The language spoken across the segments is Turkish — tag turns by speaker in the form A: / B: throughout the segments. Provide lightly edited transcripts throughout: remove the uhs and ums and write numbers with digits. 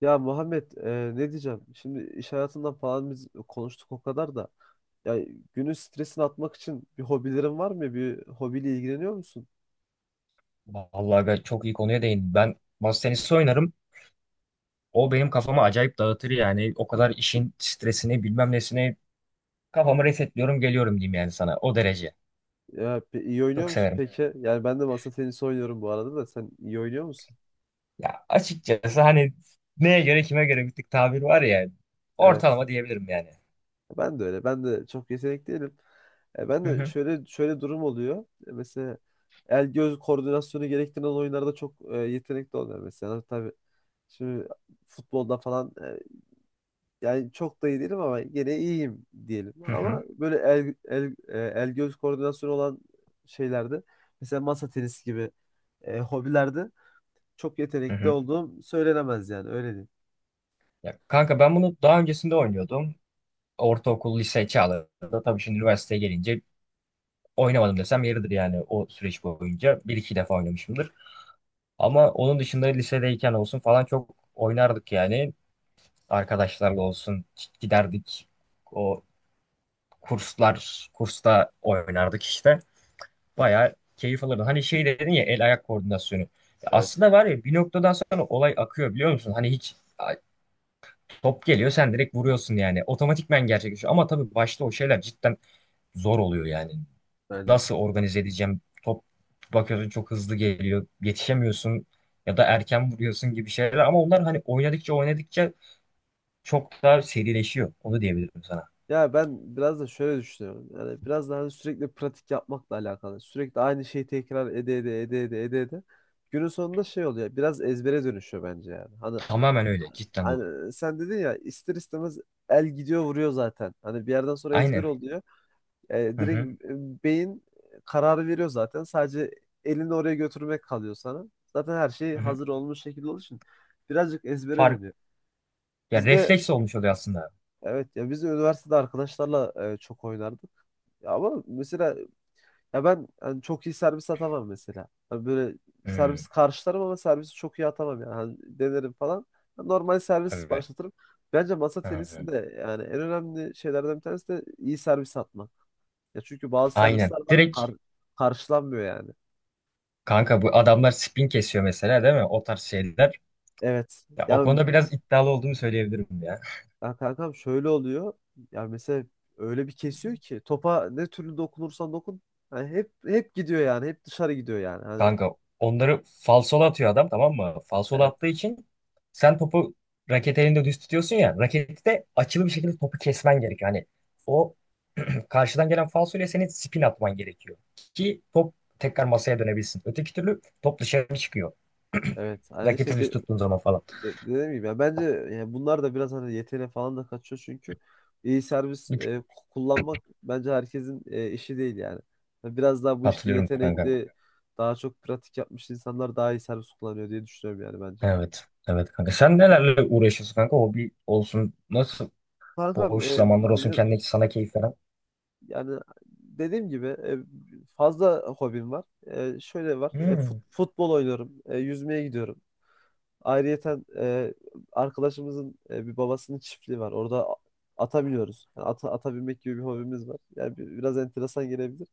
A: Ya Muhammed ne diyeceğim? Şimdi iş hayatından falan biz konuştuk o kadar da. Ya günün stresini atmak için bir hobilerin var mı? Bir hobiyle ilgileniyor musun?
B: Vallahi ben çok iyi konuya değindim. Ben masa tenisi oynarım. O benim kafamı acayip dağıtır yani. O kadar işin stresini bilmem nesini kafamı resetliyorum geliyorum diyeyim yani sana. O
A: Hmm.
B: derece.
A: Ya iyi oynuyor
B: Çok
A: musun
B: severim.
A: peki? Yani ben de masa tenisi oynuyorum bu arada da sen iyi oynuyor musun?
B: Ya açıkçası hani neye göre kime göre bir tık tabir var ya.
A: Evet.
B: Ortalama diyebilirim yani.
A: Ben de öyle. Ben de çok yetenekli değilim. Ben
B: Hı
A: de
B: hı.
A: şöyle şöyle durum oluyor. Mesela el göz koordinasyonu gerektiren oyunlarda çok yetenekli olmuyorum mesela. Tabii şimdi futbolda falan yani çok da iyi değilim ama gene iyiyim diyelim.
B: Hı hı.
A: Ama böyle el göz koordinasyonu olan şeylerde mesela masa tenisi gibi hobilerde çok
B: Hı
A: yetenekli
B: hı.
A: olduğum söylenemez yani öyle diyeyim.
B: Ya kanka ben bunu daha öncesinde oynuyordum. Ortaokul, lise çağlarında. Tabii şimdi üniversiteye gelince oynamadım desem yeridir yani o süreç boyunca. Bir iki defa oynamışımdır. Ama onun dışında lisedeyken olsun falan çok oynardık yani. Arkadaşlarla olsun giderdik. O kurslar, kursta oynardık işte. Bayağı keyif alırdım. Hani şey dedin ya el ayak koordinasyonu. Ya
A: Evet,
B: aslında var ya bir noktadan sonra olay akıyor biliyor musun? Hani top geliyor sen direkt vuruyorsun yani. Otomatikmen gerçekleşiyor. Ama tabii başta o şeyler cidden zor oluyor yani.
A: bence de.
B: Nasıl organize edeceğim? Top bakıyorsun çok hızlı geliyor. Yetişemiyorsun ya da erken vuruyorsun gibi şeyler. Ama onlar hani oynadıkça oynadıkça çok daha serileşiyor. Onu diyebilirim sana.
A: Ya ben biraz da şöyle düşünüyorum. Yani biraz daha sürekli pratik yapmakla alakalı. Sürekli aynı şeyi tekrar ede ede ede ede ede ede. Günün sonunda şey oluyor. Biraz ezbere dönüşüyor bence yani. Hani,
B: Tamamen öyle. Cidden doğru.
A: hani sen dedin ya ister istemez el gidiyor vuruyor zaten. Hani bir yerden sonra ezber
B: Aynen.
A: oluyor.
B: Hı hı.
A: Direkt beyin kararı veriyor zaten. Sadece elini oraya götürmek kalıyor sana. Zaten her şey
B: Hı hı.
A: hazır olmuş şekilde olduğu için birazcık ezbere
B: Fark
A: dönüyor.
B: ya
A: Bizde
B: refleks olmuş oluyor aslında.
A: evet ya biz de üniversitede arkadaşlarla çok oynardık. Ya ama mesela ya ben hani çok iyi servis atamam mesela. Hani böyle
B: Hı,
A: servis karşılarım ama servisi çok iyi atamam yani. Hani denerim falan. Normal servis
B: evet.
A: başlatırım. Bence masa
B: Hı hı.
A: tenisinde yani en önemli şeylerden bir tanesi de iyi servis atmak. Ya çünkü bazı
B: Aynen.
A: servisler var
B: Direkt
A: karşılanmıyor yani.
B: kanka bu adamlar spin kesiyor mesela değil mi? O tarz şeyler.
A: Evet.
B: Ya, o
A: Yani
B: konuda biraz iddialı olduğumu söyleyebilirim ya.
A: ya kankam şöyle oluyor. Ya mesela öyle bir kesiyor ki topa ne türlü dokunursan dokun hani hep hep gidiyor yani. Hep dışarı gidiyor yani. Hani
B: Kanka onları falsolu atıyor adam tamam mı? Falsolu
A: evet,
B: attığı için sen topu raket elinde düz tutuyorsun ya. Raketi de açılı bir şekilde topu kesmen gerekiyor. Hani o karşıdan gelen falsoyla senin spin atman gerekiyor. Ki top tekrar masaya dönebilsin. Öteki türlü top dışarı çıkıyor.
A: evet. Hani
B: Raketi
A: işte
B: düz tuttuğun zaman falan.
A: dediğim gibi ya bence yani bunlar da biraz hani yeteneğe falan da kaçıyor çünkü iyi servis
B: Bir tık
A: kullanmak bence herkesin işi değil yani. Yani biraz daha bu işte
B: katılıyorum kanka.
A: yetenekli daha çok pratik yapmış insanlar daha iyi servis kullanıyor diye düşünüyorum yani bence.
B: Evet. Evet kanka. Sen nelerle uğraşıyorsun kanka? Hobi olsun. Nasıl
A: Kankam
B: boş zamanlar olsun
A: benim
B: kendine sana keyif veren.
A: yani dediğim gibi fazla hobim var. Şöyle var.
B: Hmm.
A: Futbol oynuyorum. Yüzmeye gidiyorum. Ayrıyeten arkadaşımızın bir babasının çiftliği var. Orada ata biniyoruz. Yani ata binmek gibi bir hobimiz var. Yani biraz enteresan gelebilir.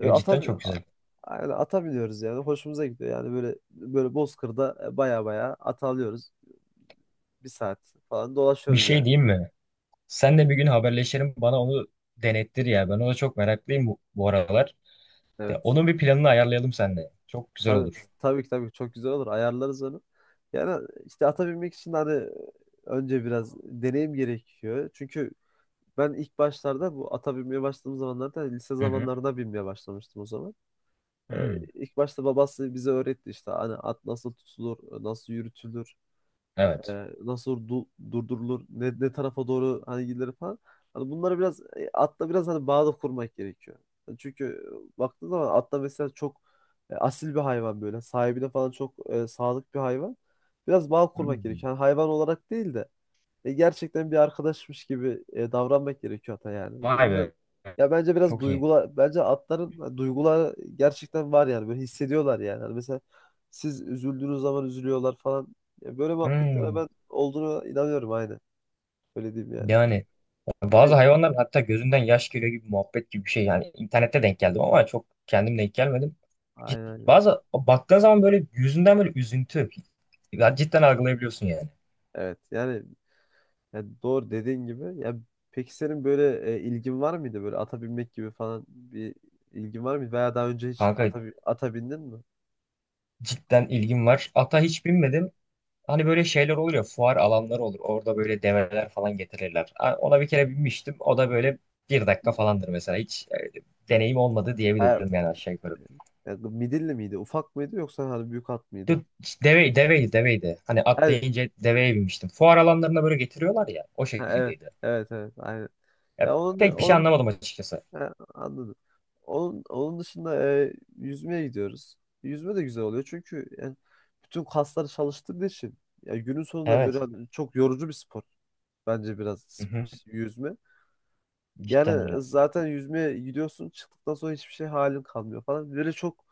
A: E, ata,
B: cidden
A: bi-
B: çok güzel.
A: aynen ata biniyoruz yani. Hoşumuza gidiyor. Yani böyle böyle Bozkır'da baya baya ata alıyoruz. Bir saat falan
B: Bir
A: dolaşıyoruz
B: şey
A: yani.
B: diyeyim mi? Sen de bir gün haberleşelim bana onu denettir ya. Ben ona çok meraklıyım bu aralar. De,
A: Evet.
B: onun bir planını ayarlayalım seninle. Çok güzel olur.
A: Tabii ki tabii ki çok güzel olur. Ayarlarız onu. Yani işte ata binmek için hani önce biraz deneyim gerekiyor. Çünkü ben ilk başlarda bu ata binmeye başladığım zamanlarda lise
B: Hı hı.
A: zamanlarında binmeye başlamıştım o zaman.
B: Hı.
A: İlk başta babası bize öğretti işte hani at nasıl tutulur, nasıl yürütülür
B: Evet.
A: nasıl durdurulur, ne tarafa doğru hani gidilir falan. Hani bunlara biraz atla biraz hani bağda kurmak gerekiyor. Yani çünkü baktığın zaman atla mesela çok asil bir hayvan böyle. Sahibine falan çok sadık bir hayvan. Biraz bağ kurmak
B: Hmm.
A: gerekiyor. Yani hayvan olarak değil de gerçekten bir arkadaşmış gibi davranmak gerekiyor ata yani.
B: Vay
A: Böyle.
B: be.
A: Ya bence biraz
B: Çok iyi.
A: duygular, bence atların hani duyguları gerçekten var yani. Böyle hissediyorlar yani. Hani mesela siz üzüldüğünüz zaman üzülüyorlar falan. Ya böyle muhabbetlere
B: Hmm.
A: ben olduğunu inanıyorum aynen. Öyle diyeyim yani.
B: Yani bazı
A: De-
B: hayvanların hatta gözünden yaş geliyor gibi muhabbet gibi bir şey. Yani internette denk geldim ama çok kendim denk gelmedim. Cid-
A: Aynen, aynen.
B: Bazı baktığın zaman böyle yüzünden böyle üzüntü. Ya cidden algılayabiliyorsun yani.
A: Evet. Yani doğru dediğin gibi. Ya peki senin böyle ilgin var mıydı böyle ata binmek gibi falan bir ilgin var mıydı veya daha önce hiç
B: Kanka
A: ata bindin mi?
B: cidden ilgim var. Ata hiç binmedim. Hani böyle şeyler olur ya fuar alanları olur. Orada böyle develer falan getirirler. Ona bir kere binmiştim. O da böyle bir dakika falandır mesela. Hiç e, deneyim olmadı
A: Hayır.
B: diyebilirim yani aşağı yukarı.
A: Ya, midilli miydi? Ufak mıydı yoksa hani büyük at mıydı?
B: Dö- Deve, deveydi deveydi. Hani
A: Evet.
B: atlayınca deveye binmiştim. Fuar alanlarına böyle getiriyorlar ya. O
A: Ha, evet.
B: şekildeydi.
A: Evet, evet, aynen.
B: Ya,
A: Ya onun
B: pek bir şey
A: onun
B: anlamadım açıkçası.
A: ha, anladım. Onun dışında yüzmeye gidiyoruz. Yüzme de güzel oluyor çünkü yani bütün kasları çalıştırdığı için ya günün sonunda böyle
B: Evet.
A: hani çok yorucu bir spor. Bence
B: Hı
A: biraz
B: hı.
A: yüzme.
B: Cidden
A: Yani
B: öyle.
A: zaten yüzmeye gidiyorsun çıktıktan sonra hiçbir şey halin kalmıyor falan. Böyle çok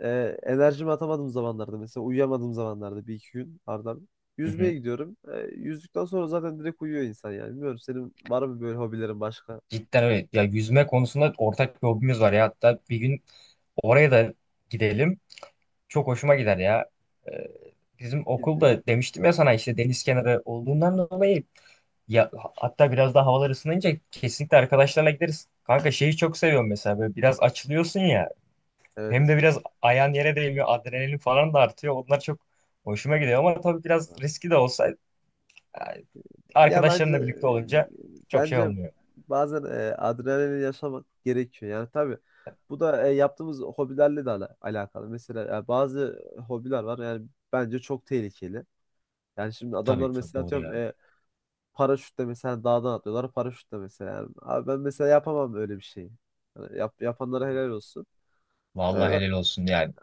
A: e, enerjimi atamadığım zamanlarda mesela uyuyamadığım zamanlarda bir iki gün ardından
B: Hı
A: yüzmeye
B: hı.
A: gidiyorum. Yüzdükten sonra zaten direkt uyuyor insan yani. Bilmiyorum senin var mı böyle hobilerin başka?
B: Cidden öyle. Ya yüzme konusunda ortak bir hobimiz var ya. Hatta bir gün oraya da gidelim. Çok hoşuma gider ya. Ee, Bizim okulda demiştim ya sana işte deniz kenarı olduğundan dolayı ya hatta biraz daha havalar ısınınca kesinlikle arkadaşlarla gideriz. Kanka şeyi çok seviyorum mesela böyle biraz açılıyorsun ya hem
A: Evet.
B: de biraz ayağın yere değmiyor adrenalin falan da artıyor. Onlar çok hoşuma gidiyor ama tabii biraz riski de olsa yani
A: Ya bence
B: arkadaşlarınla birlikte olunca çok şey
A: bence
B: olmuyor.
A: bazen adrenalin yaşamak gerekiyor. Yani tabii bu da yaptığımız hobilerle de alakalı. Mesela bazı hobiler var yani bence çok tehlikeli. Yani şimdi adamlar
B: Tabii tabii
A: mesela
B: doğru
A: atıyorum
B: yani.
A: paraşütle mesela dağdan atlıyorlar paraşütle mesela. Yani abi ben mesela yapamam öyle bir şeyi. Yani yapanlara helal olsun. Yani
B: Vallahi helal olsun yani.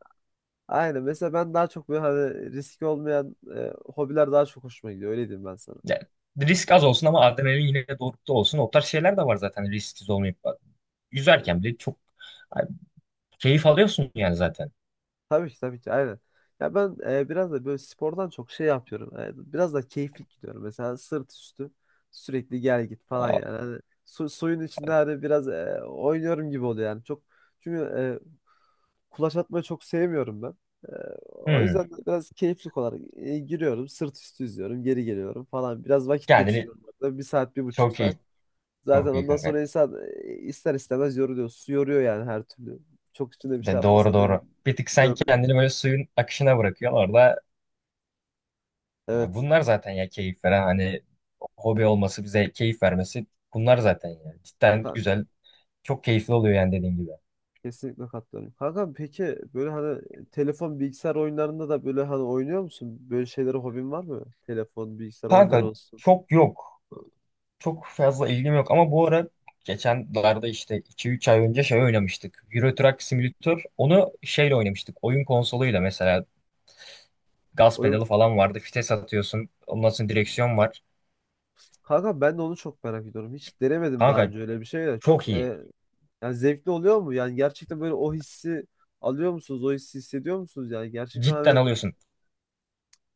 A: aynen mesela ben daha çok böyle hani riski olmayan hobiler daha çok hoşuma gidiyor. Öyle diyeyim ben sana.
B: Yani risk az olsun ama adrenalin yine de dorukta olsun. O tarz şeyler de var zaten risksiz olmayıp yüzerken bile çok ay, keyif alıyorsun yani zaten.
A: Tabii ki tabii ki aynen. Ya ben biraz da böyle spordan çok şey yapıyorum. Biraz da keyiflik gidiyorum. Mesela sırt üstü sürekli gel git falan
B: Aa,
A: yani. Hani suyun içinde hani biraz oynuyorum gibi oluyor yani. Çok çünkü kulaç atmayı çok sevmiyorum ben. E, O
B: hmm.
A: yüzden de biraz keyiflik olarak giriyorum. Sırt üstü yüzüyorum. Geri geliyorum falan. Biraz vakit
B: Kendini
A: geçiriyorum orada. Bir saat, bir buçuk
B: çok
A: saat.
B: iyi.
A: Zaten
B: Çok iyi
A: ondan
B: kanka.
A: sonra insan ister istemez yoruluyor. Su yoruyor yani her türlü. Çok içinde bir şey
B: Doğru
A: yapmasa da
B: doğru. Bir tık sen
A: yor-
B: kendini böyle suyun akışına bırakıyorsun orada. Ya
A: Evet.
B: bunlar zaten ya keyif veren hani hobi olması bize keyif vermesi bunlar zaten yani. Cidden
A: Ka-
B: güzel. Çok keyifli oluyor yani dediğin gibi.
A: Kesinlikle katılıyorum. Kanka peki böyle hani telefon bilgisayar oyunlarında da böyle hani oynuyor musun? Böyle şeylere hobin var mı? Telefon, bilgisayar
B: Kanka
A: oyunları olsun.
B: çok yok. Çok fazla ilgim yok ama bu ara geçenlerde işte iki üç ay önce şey oynamıştık. Euro Truck Simulator. Onu şeyle oynamıştık. Oyun konsoluyla mesela. Gaz
A: Oyun
B: pedalı falan vardı. Vites atıyorsun. Ondan sonra direksiyon var.
A: kanka ben de onu çok merak ediyorum. Hiç denemedim daha
B: Kanka
A: önce öyle bir şey de. Çok
B: çok iyi.
A: yani zevkli oluyor mu? Yani gerçekten böyle o hissi alıyor musunuz? O hissi hissediyor musunuz? Yani gerçekten
B: Cidden
A: hani
B: alıyorsun.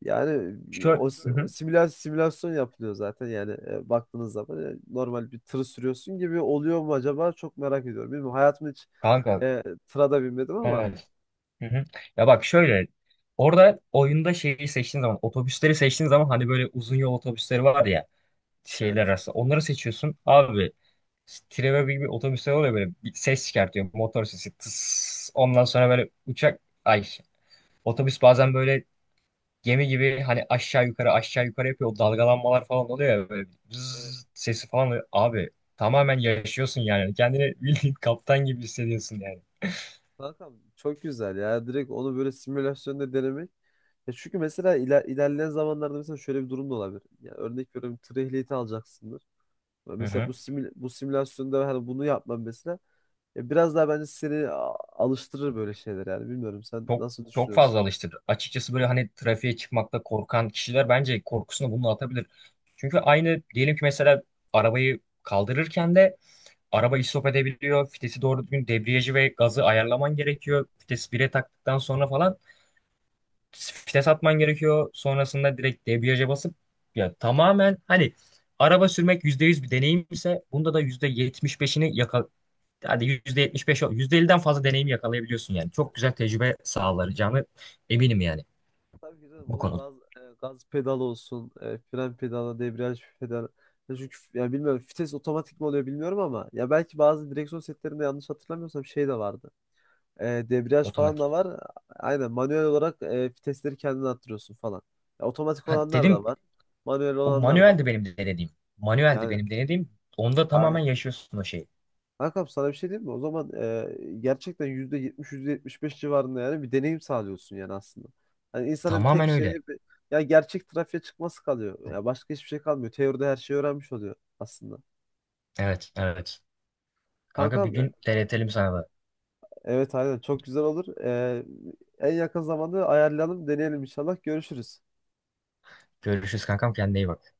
A: yani
B: Şöyle,
A: o
B: hı hı.
A: simülasyon yapılıyor zaten yani baktığınız zaman normal bir tırı sürüyorsun gibi oluyor mu acaba? Çok merak ediyorum. Bilmiyorum hayatımda hiç
B: Kanka
A: Tıra da binmedim ama
B: evet. Hı hı. Ya bak şöyle. Orada oyunda şeyi seçtiğin zaman, otobüsleri seçtiğin zaman hani böyle uzun yol otobüsleri var ya
A: evet.
B: şeyler arasında. Onları seçiyorsun. Abi Trevor gibi bir otobüsler oluyor böyle bir ses çıkartıyor. Motor sesi. Tıs. Ondan sonra böyle uçak ay otobüs bazen böyle gemi gibi hani aşağı yukarı aşağı yukarı yapıyor. O dalgalanmalar falan oluyor ya böyle
A: Evet.
B: bzzz sesi falan oluyor. Abi tamamen yaşıyorsun yani. Kendini bildiğin kaptan gibi hissediyorsun yani.
A: Kankam çok güzel ya. Direkt onu böyle simülasyonda denemek. Ya çünkü mesela ilerleyen zamanlarda mesela şöyle bir durum da olabilir. Ya örnek veriyorum tır ehliyeti alacaksındır. Ya
B: Hı
A: mesela
B: hı.
A: bu simülasyonda hani bunu yapmam mesela. Ya biraz daha bence seni alıştırır böyle şeyler yani. Bilmiyorum sen
B: Çok
A: nasıl
B: çok
A: düşünüyorsun?
B: fazla alıştırdı. Açıkçası böyle hani trafiğe çıkmakta korkan kişiler bence korkusunu bununla atabilir. Çünkü aynı diyelim ki mesela arabayı kaldırırken de araba istop edebiliyor. Fitesi doğru düzgün debriyajı ve gazı ayarlaman gerekiyor. Fites bire taktıktan sonra falan vites atman gerekiyor. Sonrasında direkt debriyaja basıp ya tamamen hani araba sürmek %100 bir deneyim ise bunda da %75'ini hadi %75 %50'den fazla deneyimi yakalayabiliyorsun yani. Çok güzel tecrübe sağlayacağını eminim yani
A: Tabii ki canım
B: bu
A: o
B: konuda.
A: gaz pedalı olsun, fren pedalı, debriyaj pedalı. Ya çünkü ya bilmiyorum vites otomatik mi oluyor bilmiyorum ama ya belki bazı direksiyon setlerinde yanlış hatırlamıyorsam şey de vardı. Debriyaj falan
B: Otomatik.
A: da var. Aynen manuel olarak vitesleri kendin arttırıyorsun falan. Ya, otomatik
B: Ha,
A: olanlar da
B: dedim
A: var. Manuel
B: o
A: olanlar da
B: manueldi
A: var.
B: benim denediğim. Manueldi
A: Yani
B: benim denediğim. Onda tamamen
A: aynen.
B: yaşıyorsun o şeyi.
A: Kankam sana bir şey diyeyim mi? O zaman gerçekten %70, beş civarında yani bir deneyim sağlıyorsun yani aslında. Hani insanın tek
B: Tamamen
A: şeyi
B: öyle.
A: ya gerçek trafiğe çıkması kalıyor. Ya başka hiçbir şey kalmıyor. Teoride her şeyi öğrenmiş oluyor aslında.
B: Evet, evet. Kanka bir
A: Kankam
B: gün denetelim sana da.
A: evet aynen çok güzel olur. En yakın zamanda ayarlayalım, deneyelim inşallah. Görüşürüz.
B: Görüşürüz kankam kendine iyi bak.